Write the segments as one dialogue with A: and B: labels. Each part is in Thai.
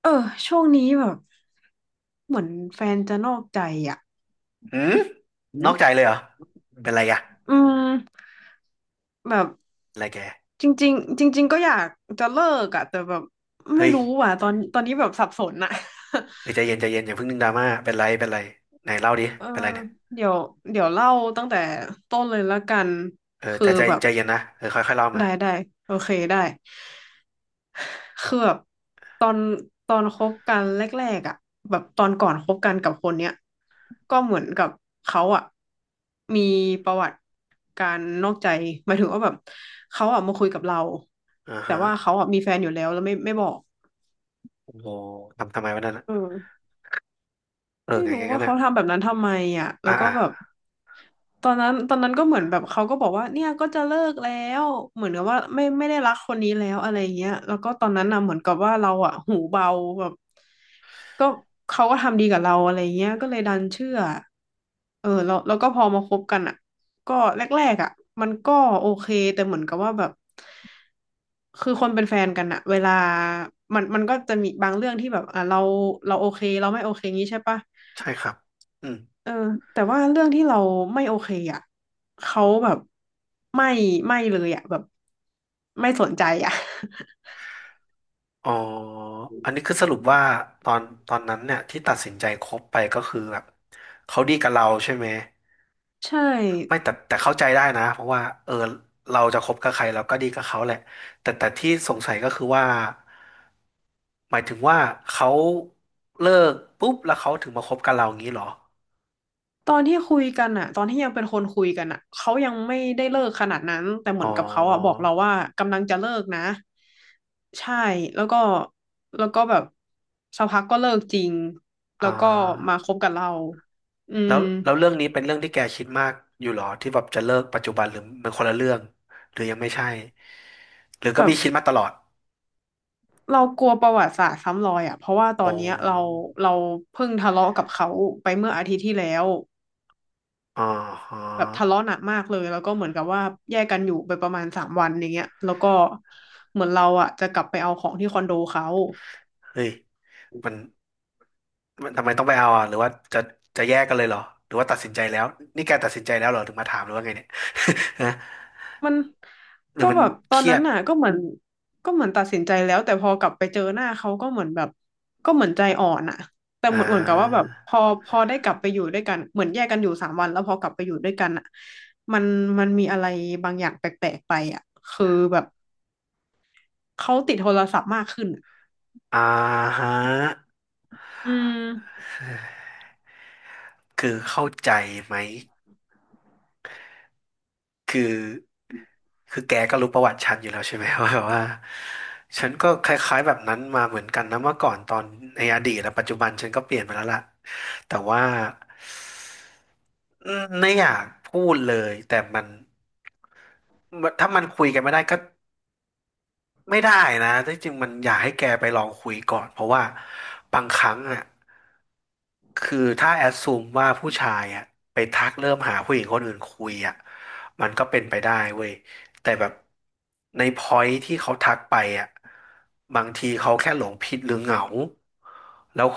A: เออช่วงนี้แบบเหมือนแฟนจะนอกใจอ่ะ
B: หืมนอกใจเลยเหรอเป็นไรอะ
A: อืมแบบ
B: เป็นไรแก
A: จริงๆจริงๆก็อยากจะเลิกอ่ะแต่แบบไม่
B: เฮ้ย
A: รู้อ่ะตอนนี้แบบสับสนอ่ะ
B: เฮ้ยใจเย็นใจเย็นอย่าเพิ่งนึกดราม่าเป็นไรเป็นไรไหนเล่าดิ
A: เออ
B: เป็นไรเนี่ย
A: เดี๋ยวเดี๋ยวเล่าตั้งแต่ต้นเลยละกัน
B: เออ
A: คือ
B: แต่ใจ
A: แบบ
B: ใจเย็นนะเออค่อยๆเล่ามา
A: ได้ได้โอเคได้ คือแบบตอนตอนคบกันแรกๆอ่ะแบบตอนก่อนคบกันกับคนเนี้ยก็เหมือนกับเขาอ่ะมีประวัติการนอกใจหมายถึงว่าแบบเขาอ่ะมาคุยกับเรา
B: อ่า
A: แต่
B: ฮะ
A: ว่าเขาอ่ะมีแฟนอยู่แล้วแล้วไม่บอก
B: โอ้โหทำไมวันนั้น
A: เอ
B: อะ
A: อ
B: เออ
A: ไม่
B: ไงอ
A: รู้
B: ย่างนั้
A: ว่า
B: นอะ
A: เขาทำแบบนั้นทำไมอ่ะแล้
B: อ่า
A: วก็
B: อ่า
A: แบบตอนนั้นก็เหมือนแบบเขาก็บอกว่าเนี่ยก็จะเลิกแล้วเหมือนกับว่าไม่ได้รักคนนี้แล้วอะไรเงี้ยแล้วก็ตอนนั้นน่ะเหมือนกับว่าเราอ่ะหูเบาแบบก็เขาก็ทำดีกับเราอะไรเงี้ยก็เลยดันเชื่อเออแล้วก็พอมาคบกันอ่ะก็แรกๆอ่ะมันก็โอเคแต่เหมือนกับว่าแบบคือคนเป็นแฟนกันอะเวลามันก็จะมีบางเรื่องที่แบบอ่ะเราโอเคเราไม่โอเคงี้ใช่ปะ
B: ใช่ครับอืม
A: เออแต่ว่าเรื่องที่เราไม่โอเคอ่ะเขาแบบไม่ไม่เลยอ่ะแบบไม่สนใจอ่ะ
B: อ๋ออันนี้คือสรุปว่าตอนตอนนั้นเนี่ยที่ตัดสินใจคบไปก็คือแบบเขาดีกับเราใช่ไหม
A: ใช่
B: ไม่แต่เข้าใจได้นะเพราะว่าเออเราจะคบกับใครเราก็ดีกับเขาแหละแต่ที่สงสัยก็คือว่าหมายถึงว่าเขาเลิกปุ๊บแล้วเขาถึงมาคบกับเราอย่างนี้เหรอ
A: ตอนที่คุยกันอ่ะตอนที่ยังเป็นคนคุยกันอ่ะเขายังไม่ได้เลิกขนาดนั้นแต่เห
B: อ๋
A: มื
B: อ
A: อนกับเขาอ่ะบอกเราว่ากำลังจะเลิกนะใช่แล้วก็แล้วก็แบบสักพักก็เลิกจริงแล้
B: อ่
A: วก็มาค
B: า
A: บกับเราอื
B: แล้
A: ม
B: วแล้วเรื่องนี้เป็นเรื่องที่แกคิดมากอยู่หรอที่แบบจะเลิกปัจจุบันหรือมันคนละเรื่องหรือยังไม่ใช่หรือ
A: แบ
B: ก็มี
A: บ
B: คิดมาตลอด
A: เรากลัวประวัติศาสตร์ซ้ำรอยอ่ะเพราะว่าตอ
B: โอ้
A: นเนี้ยเราเพิ่งทะเลาะกับเขาไปเมื่ออาทิตย์ที่แล้ว
B: อ๋อฮะ
A: แบบทะเลาะหนักมากเลยแล้วก็เหมือนกับว่าแยกกันอยู่ไปประมาณสามวันอย่างเงี้ยแล้วก็เหมือนเราอ่ะจะกลับไปเอาของที่คอนโดเขา
B: เฮ้ยมันมันทำไมต้องไปเอาอ่ะหรือว่าจะแยกกันเลยเหรอหรือว่าตัดสินใจแล้วนี่แกตัดสินใจแล้วเหรอถึงมาถามหรือว่าไงเนี่ย ฮะ
A: มัน
B: หรือ
A: ก็
B: มัน
A: แบบต
B: เค
A: อน
B: รีย
A: นั้น
B: ด
A: น่ะก็เหมือนตัดสินใจแล้วแต่พอกลับไปเจอหน้าเขาก็เหมือนแบบก็เหมือนใจอ่อนอ่ะแต่
B: อ่
A: เหมือนกับว่าแบ
B: า
A: บพอได้กลับไปอยู่ด้วยกันเหมือนแยกกันอยู่สามวันแล้วพอกลับไปอยู่ด้วยกันอ่ะมันมันมีอะไรบางอย่างแปลกๆไปอ่ะคือแบบเขาติดโทรศัพท์มากขึ้นอะ
B: อ่าฮะ
A: อืม
B: คือเข้าใจไหม คือคือแกก็รู้ประวัติฉันอยู่แล้วใช่ไหม ว่าแบบว่าฉันก็คล้ายๆแบบนั้นมาเหมือนกันนะเมื่อก่อนตอนในอดีตและปัจจุบันฉันก็เปลี่ยนไปแล้วล่ะแต่ว่าไม่อยากพูดเลยแต่มันถ้ามันคุยกันไม่ได้ก็ไม่ได้นะที่จริงมันอยากให้แกไปลองคุยก่อนเพราะว่าบางครั้งอ่ะ คือถ้าแอดซูมว่าผู้ชายอะไปทักเริ่มหาผู้หญิงคนอื่นคุยอะมันก็เป็นไปได้เว้ยแต่แบบในพอยท์ที่เขาทักไปอะบางทีเขาแค่หลงผิดหรือเหงาแล้ว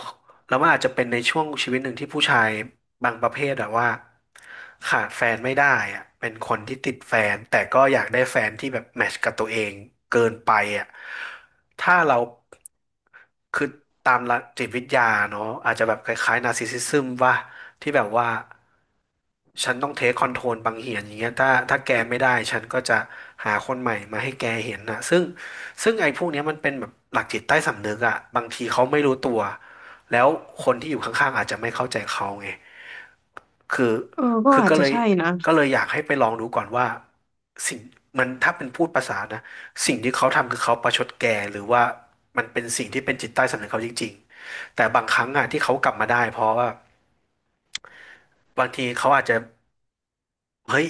B: แล้วมันอาจจะเป็นในช่วงชีวิตหนึ่งที่ผู้ชายบางประเภทอะว่าขาดแฟนไม่ได้อะเป็นคนที่ติดแฟนแต่ก็อยากได้แฟนที่แบบแมทช์กับตัวเองเกินไปอะถ้าเรา คือตามหลักจิตวิทยาเนาะอาจจะแบบคล้ายๆนาร์ซิสซิซึมว่าที่แบบว่าฉันต้องเทคคอนโทรลบางเหียนอย่างเงี้ยถ้าแกไม่ได้ฉันก็จะหาคนใหม่มาให้แกเห็นนะซึ่งไอ้พวกเนี้ยมันเป็นแบบหลักจิตใต้สำนึกอะบางทีเขาไม่รู้ตัวแล้วคนที่อยู่ข้างๆอาจจะไม่เข้าใจเขาไง คือ
A: เออก็
B: คือ
A: อาจ
B: ก็เล
A: จะ
B: ย
A: ใช่นะ
B: ก็เลยอยากให้ไปลองดูก่อนว่าสิ่งมันถ้าเป็นพูดภาษานะสิ่งที่เขาทำคือเขาประชดแกหรือว่ามันเป็นสิ่งที่เป็นจิตใต้สำนึกเขาจริงๆแต่บางครั้งอ่ะที่เขากลับมาได้เพราะว่าบางทีเขาอาจจะเฮ้ย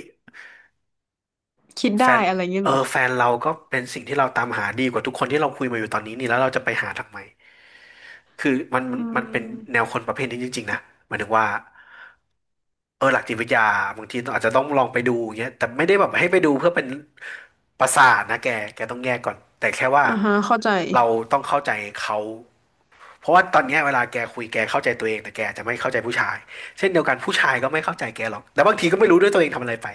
A: คิด
B: แฟ
A: ได้
B: น
A: อะไรอย่างเงี้ย
B: เอ
A: เหรอ
B: อแฟนเราก็เป็นสิ่งที่เราตามหาดีกว่าทุกคนที่เราคุยมาอยู่ตอนนี้นี่แล้วเราจะไปหาทำไม คือมันมัน
A: อื
B: มันเป็นแน
A: ม
B: วคนประเภทนี้จริงๆนะหมายถึงว่าเออหลักจิตวิทยาบางทีต้องอาจจะต้องลองไปดูอย่างเงี้ยแต่ไม่ได้แบบให้ไปดูเพื่อเป็นประสาทนะแกต้องแยกก่อนแต่แค่ว่า
A: อ่าฮะเข้าใจ
B: เราต้องเข้าใจเขาเพราะว่าตอนเนี้ยเวลาแกคุยแกเข้าใจตัวเองแต่แกอาจจะไม่เข้าใจผู้ชายเช่นเดียวกันผู้ชายก็ไม่เข้าใจแกหรอกแล้วบางทีก็ไม่รู้ด้วยตัวเองทำอะไรไป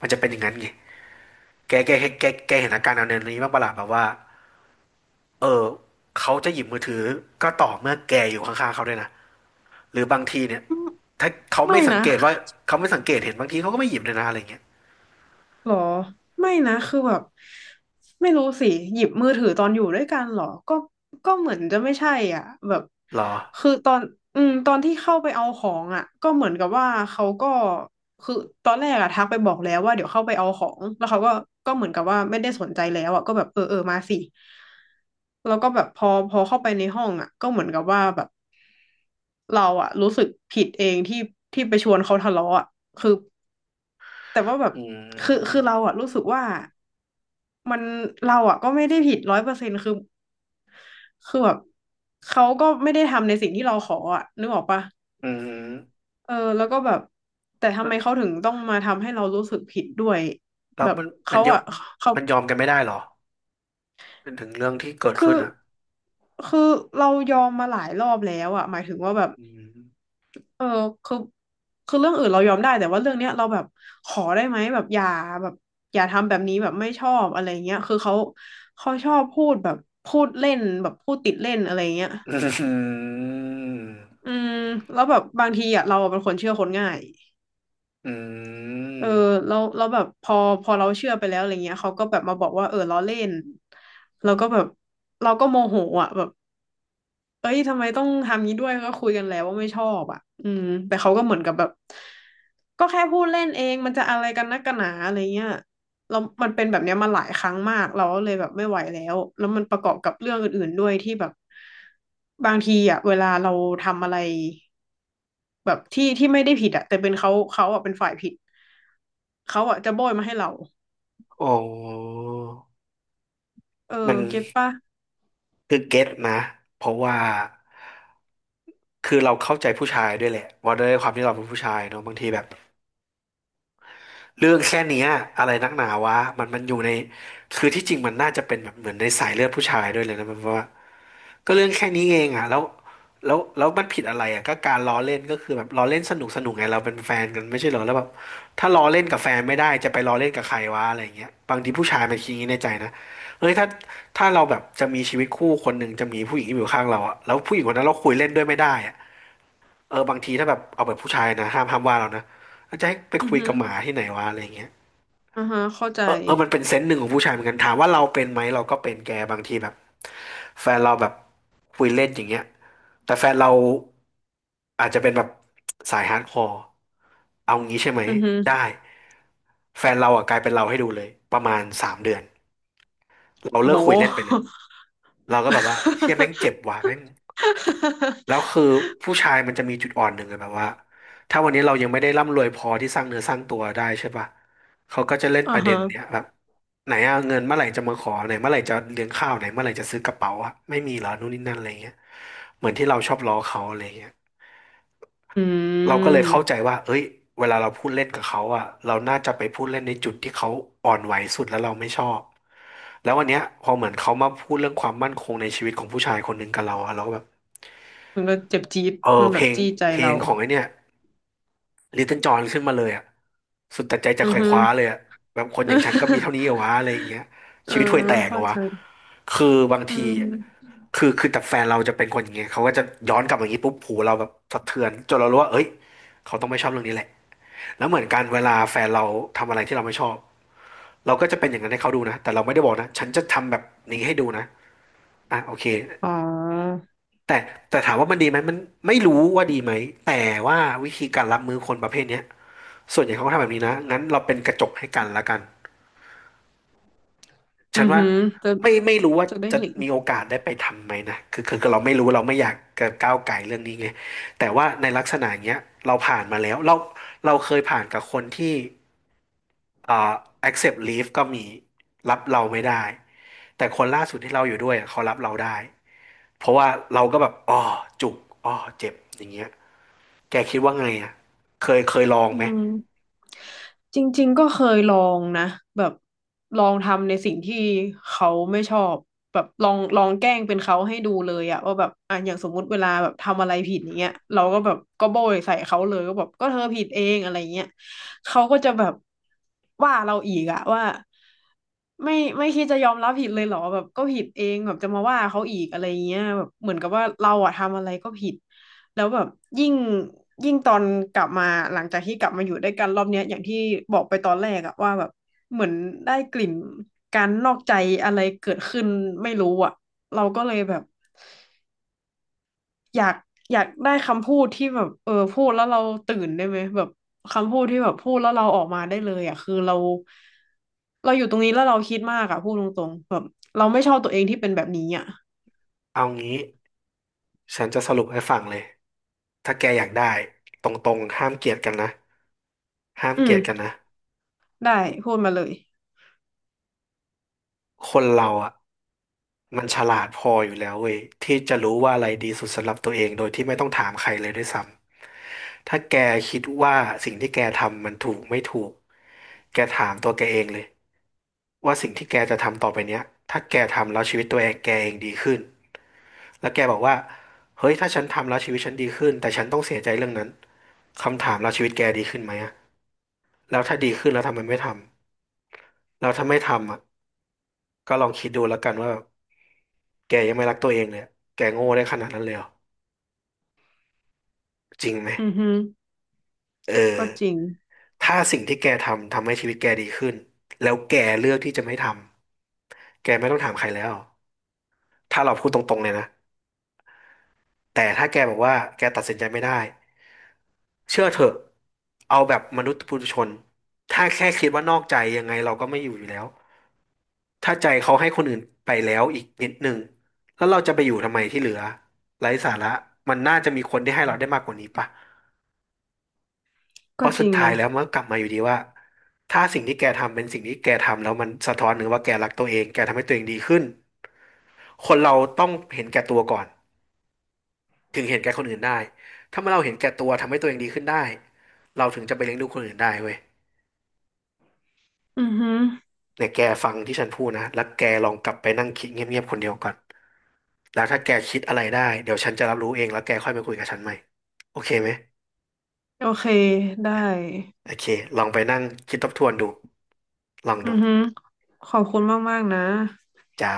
B: มันจะเป็นอย่างนั้นไงแกเห็นอาการแนวนี้บ้างปะล่ะแบบว่าเออเขาจะหยิบมือถือก็ต่อเมื่อแกอยู่ข้างๆเขาด้วยนะ หรือบางทีเนี่ย
A: อืม
B: ถ้าเขา
A: ไม่
B: ไม่สัง
A: นะ
B: เกตว่าเขาไม่สังเกตเห็นบางทีเขาก็ไม่หยิบเลยนะอะไรเงี้ย
A: หรอไม่นะคือแบบไม่รู้สิหยิบมือถือตอนอยู่ด้วยกันหรอก็เหมือนจะไม่ใช่อ่ะแบบ
B: หรอ
A: คือตอนที่เข้าไปเอาของอ่ะก็เหมือนกับว่าเขาก็คือตอนแรกอะทักไปบอกแล้วว่าเดี๋ยวเข้าไปเอาของแล้วเขาก็เหมือนกับว่าไม่ได้สนใจแล้วอ่ะก็แบบเออเออมาสิแล้วก็แบบพอเข้าไปในห้องอ่ะก็เหมือนกับว่าแบบเราอ่ะรู้สึกผิดเองที่ไปชวนเขาทะเลาะอ่ะคือ แต่ว่าแบบ
B: อื
A: คือ
B: ม
A: เราอะรู้สึกว่ามันเราอะก็ไม่ได้ผิดร้อยเปอร์เซ็นต์คือแบบเขาก็ไม่ได้ทำในสิ่งที่เราขออะนึกออกปะ
B: อืม
A: เออแล้วก็แบบแต่ทำ
B: แล้
A: ไม
B: ว
A: เขาถึงต้องมาทำให้เรารู้สึกผิดด้วย
B: มันมั
A: เขา
B: นยอม
A: อะเขา
B: ยอมกันไม่ได้หรอเป็นถึงเรื่องที่เกิด
A: คื
B: ขึ้
A: อ
B: นอ่ะ
A: คือเรายอมมาหลายรอบแล้วอะหมายถึงว่าแบบ
B: อืม
A: เออคือคือเรื่องอื่นเรายอมได้แต่ว่าเรื่องเนี้ยเราแบบขอได้ไหมแบบอย่าทำแบบนี้แบบไม่ชอบอะไรเงี้ยคือเขาชอบพูดแบบพูดเล่นแบบพูดติดเล่นอะไรเงี้ย
B: อื
A: อื
B: ม
A: มแล้วแบบบางทีอ่ะเราเป็นคนเชื่อคนง่าย
B: อืม
A: เออเราแบบพอเราเชื่อไปแล้วอะไรเงี้ยเขาก็แบบมาบอกว่าเออล้อเล่นเราก็แบบเราก็โมโหอ่ะแบบ เอ้ยทำไมต้องทำนี้ด้วยก็คุยกันแล้วว่าไม่ชอบอ่ะอืมแต่เขาก็เหมือนกับแบบก็แค่พูดเล่นเองมันจะอะไรกันนักกันหนาอะไรเงี้ยเรามันเป็นแบบเนี้ยมาหลายครั้งมากเราก็เลยแบบไม่ไหวแล้วแล้วมันประกอบกับเรื่องอื่นๆด้วยที่แบบบางทีอ่ะเวลาเราทำอะไรแบบที่ไม่ได้ผิดอ่ะแต่เป็นเขาอ่ะเป็นฝ่ายผิดเขาอ่ะจะโบยมาให้เรา
B: โอ้
A: เออ
B: มัน
A: เก็ตปะ
B: คือเก็ตนะเพราะว่าคือเราเข้าใจผู้ชายด้วยแหละว่าด้วยความที่เราเป็นผู้ชายเนอะบางทีแบบ เรื่องแค่เนี้ยอะไรนักหนาวะมันอยู่ในคือที่จริงมันน่าจะเป็นแบบเหมือนในสายเลือดผู้ชายด้วยเลยนะมันเพราะว่าก็เรื่องแค่นี้เองอ่ะแล้วแล้วมันผิดอะไรอ่ะก็การล้อเล่นก็คือแบบล้อเล่นสนุกสนุกไงเราเป็นแฟนกันไม่ใช่เหรอแล้วแบบถ้าล้อเล่นกับแฟนไม่ได้จะไปล้อเล่นกับใครวะอะไรอย่างเงี้ยบางทีผู้ชายมันคิดอย่างนี้ในใจนะเฮ้ยถ้าเราแบบจะมีชีวิตคู่คนหนึ่งจะมีผู้หญิงอยู่ข้างเราอ่ะแล้วผู้หญิงคนนั้นเราคุยเล่นด้วยไม่ได้อ่ะเออบางทีถ้าแบบเอาแบบผู้ชายนะห้ามว่าเรานะแล้วจะให้ไป
A: อือ
B: คุย
A: ฮึ
B: กับหมาที่ไหนวะอะไรอย่างเงี้ย
A: อือฮะเข้าใจ
B: เออมันเป็นเซนส์หนึ่งของผู้ชายเหมือนกันถามว่าเราเป็นไหมเราก็เป็นแกบางทีแบบแฟนเราแบบคุยเล่นอย่างเงี้ยแต่แฟนเราอาจจะเป็นแบบสายฮาร์ดคอร์เอางี้ใช่ไหม
A: อือฮึ
B: ได้แฟนเราอ่ะกลายเป็นเราให้ดูเลยประมาณ3 เดือนเราเลิกคุยเล่
A: โห
B: นไปเลยเราก็แบบว่าเชี่ยแม่งเจ็บว่ะแม่ง แล้ว คือผู้ชายมันจะมีจุดอ่อนหนึ่งอะแบบว่าถ้าวันนี้เรายังไม่ได้ร่ำรวยพอที่สร้างเนื้อสร้างตัวได้ใช่ปะเขาก็จะเล่น
A: อ่า
B: ประเด็น
A: ฮะ
B: เนี้ยแบบไหนอะเงินเมื่อไหร่จะมาขอไหนเมื่อไหร่จะเลี้ยงข้าวไหนเมื่อไหร่จะซื้อกระเป๋าอะไม่มีเหรอนู่นนี่นั่นอะไรเงี้ยเหมือนที่เราชอบล้อเขาอะไรเงี้ย
A: อื
B: เราก็เลยเข้าใจ
A: ม
B: ว่าเอ้ยเวลาเราพูดเล่นกับเขาอะเราน่าจะไปพูดเล่นในจุดที่เขาอ่อนไหวสุดแล้วเราไม่ชอบแล้ววันเนี้ยพอเหมือนเขามาพูดเรื่องความมั่นคงในชีวิตของผู้ชายคนหนึ่งกับเราอะเราก็แบบ
A: มันก็เจ็บจี๊ด
B: เออ
A: มันแบ
B: เพล
A: บ
B: ง
A: จี้ใจ
B: เพล
A: เรา
B: งของไอ้เนี่ย ลิตเติ้ลจอนขึ้นมาเลยอ่ะสุดแต่ใจจะ
A: อื
B: ข
A: อ
B: ว่
A: ฮึ
B: คว้าเลยอ่ะแบบคนอย่างฉันก็มีเท่านี้ เหรอวะอะไรอย่างเงี้ย
A: เออ
B: ชีวิตห่วยแตกเหร
A: เข้า
B: อวะ
A: ใจ
B: คือบาง
A: อื
B: ที
A: ม
B: อะคือแต่แฟนเราจะเป็นคนอย่างเงี้ยเขาก็จะย้อนกลับมาอย่างงี้ปุ๊บหูเราแบบสะเทือนจนเรารู้ว่าเอ้ยเขาต้องไม่ชอบเรื่องนี้แหละแล้วเหมือนกันเวลาแฟนเราทำอะไรที่เราไม่ชอบเราก็จะเป็นอย่างนั้นให้เขาดูนะแต่เราไม่ได้บอกนะฉันจะทำแบบนี้ให้ดูนะอ่ะโอเค
A: อ๋อ
B: แต่แต่ถามว่ามันดีไหมมันไม่รู้ว่าดีไหมแต่ว่าวิธีการรับมือคนประเภทเนี้ย ส่วนใหญ่เขาก็ทำแบบนี้นะงั้นเราเป็นกระจกให้กันละกัน
A: อื
B: ฉัน
A: อ
B: ว่า
A: ฮึจะ
B: ไม่รู้ว่า
A: จะได้
B: จะ
A: เห็น
B: มีโอกาสได้ไปทำไหมนะคือเราไม่รู้เราไม่อยากจะก้าวไก่เรื่องนี้ไงแต่ว่าในลักษณะอย่างเงี้ยเราผ่านมาแล้วเราเคยผ่านกับคนที่เอ่อ accept leave ก็มีรับเราไม่ได้แต่คนล่าสุดที่เราอยู่ด้วยอะเขารับเราได้ เพราะว่าเราก็แบบอ๋อจุกอ๋อเจ็บอย่างเงี้ยแกคิดว่าไงอ่ะเคยลอง
A: อื
B: ไหม
A: ม จริงๆ ก็เคยลองนะแบบลองทำในสิ่งที่เขาไม่ชอบแบบลองแกล้งเป็นเขาให้ดูเลยอะว่าแบบอ่ะอย่างสมมุติเวลาแบบทำอะไรผิดอย่างเงี้ยเราก็แบบก็โบยใส่เขาเลยก็แบบก็เธอผิดเองอะไรเงี้ยเขาก็จะแบบว่าเราอีกอะว่าไม่ไม่คิดจะยอมรับผิดเลยเหรอแบบก็ผิดเองแบบจะมาว่าเขาอีกอะไรเงี้ยแบบเหมือนกับว่าเราอะทำอะไรก็ผิด แล้วแบบยิ่งยิ่งตอนกลับมาหลังจากที่กลับมาอยู่ด้วยกันรอบเนี้ยอย่างที่บอกไปตอนแรกอะว่าแบบเหมือนได้กลิ่นการนอกใจอะไรเกิดขึ้นไม่รู้อะเราก็เลยแบบอยากอยากได้คำพูดที่แบบเออพูดแล้วเราตื่นได้ไหมแบบคำพูดที่แบบพูดแล้วเราออกมาได้เลยอะคือเราอยู่ตรงนี้แล้วเราคิดมากอะพูดตรงๆแบบเราไม่ชอบตัวเองที่เป็นแบบนี้อะ
B: เอางี้ฉันจะสรุปให้ฟังเลย ถ้าแกอยากได้ตรงๆห้ามเกลียดกันนะห้าม
A: อื
B: เกลี
A: ม
B: ยดกันนะ
A: ได้พูดมาเลย
B: คนเราอ่ะมันฉลาดพออยู่แล้วเว้ยที่จะรู้ว่าอะไรดีสุดสำหรับตัวเองโดยที่ไม่ต้องถามใครเลยด้วยซ้ำถ้าแกคิดว่าสิ่งที่แกทำมันถูกไม่ถูกแกถามตัวแกเองเลยว่าสิ่งที่แกจะทำต่อไปเนี้ยถ้าแกทำแล้วชีวิตตัวเองแกเองดีขึ้นแล้วแกบอกว่าเฮ้ยถ้าฉันทำแล้วชีวิตฉันดีขึ้นแต่ฉันต้องเสียใจเรื่องนั้นคำถามแล้วชีวิตแกดีขึ้นไหมอะ แล้วถ้าดีขึ้นแล้วทำไมไม่ทำแล้วถ้าไม่ทำอ่ะก็ลองคิดดูแล้วกันว่าแกยังไม่รักตัวเองเลยแกโง่ได้ขนาดนั้นเลยเหรอจริงไหม
A: อือฮึ
B: เออ
A: ก็จริง
B: ถ้าสิ่งที่แกทำทำให้ชีวิตแกดีขึ้นแล้วแกเลือกที่จะไม่ทำแกไม่ต้องถามใครแล้วถ้าเราพูดตรงๆเลยนะแต่ถ้าแกบอกว่าแกตัดสินใจไม่ได้เชื่อเถอะเอาแบบมนุษย์ปุถุชนถ้าแค่คิดว่านอกใจยังไงเราก็ไม่อยู่อยู่แล้ว ถ้าใจเขาให้คนอื่นไปแล้วอีกนิดหนึ่งแล้วเราจะไปอยู่ทำไมที่เหลือไร้สาระมันน่าจะมีคนที่ให้เราได้มากกว่านี้ป่ะเพ
A: ก็
B: ราะ
A: จ
B: สุด
A: ริง
B: ท้าย
A: นะ
B: แล้วมันก็กลับมาอยู่ดีว่าถ้าสิ่งที่แกทำเป็นสิ่งที่แกทำแล้วมันสะท้อนถึงว่าแกรักตัวเองแกทำให้ตัวเองดีขึ้นคนเราต้องเห็นแก่ตัวก่อนถึงเห็นแก่คนอื่นได้ถ้าเมื่อเราเห็นแก่ตัวทำให้ตัวเองดีขึ้นได้เราถึงจะไปเลี้ยงดูคนอื่นได้เว้ย
A: อือฮึ
B: เนี่ยแกฟังที่ฉันพูดนะแล้วแกลองกลับไปนั่งคิดเงียบๆคนเดียวก่อน แล้วถ้าแกคิดอะไรได้เดี๋ยวฉันจะรับรู้เองแล้วแกค่อยมาคุยกับฉันใหม่โอเคไหม
A: โอเคได้
B: โอเคลองไปนั่งคิดทบทวนดูลอง
A: อื
B: ดู
A: อฮึขอบคุณมากๆนะ
B: จ้า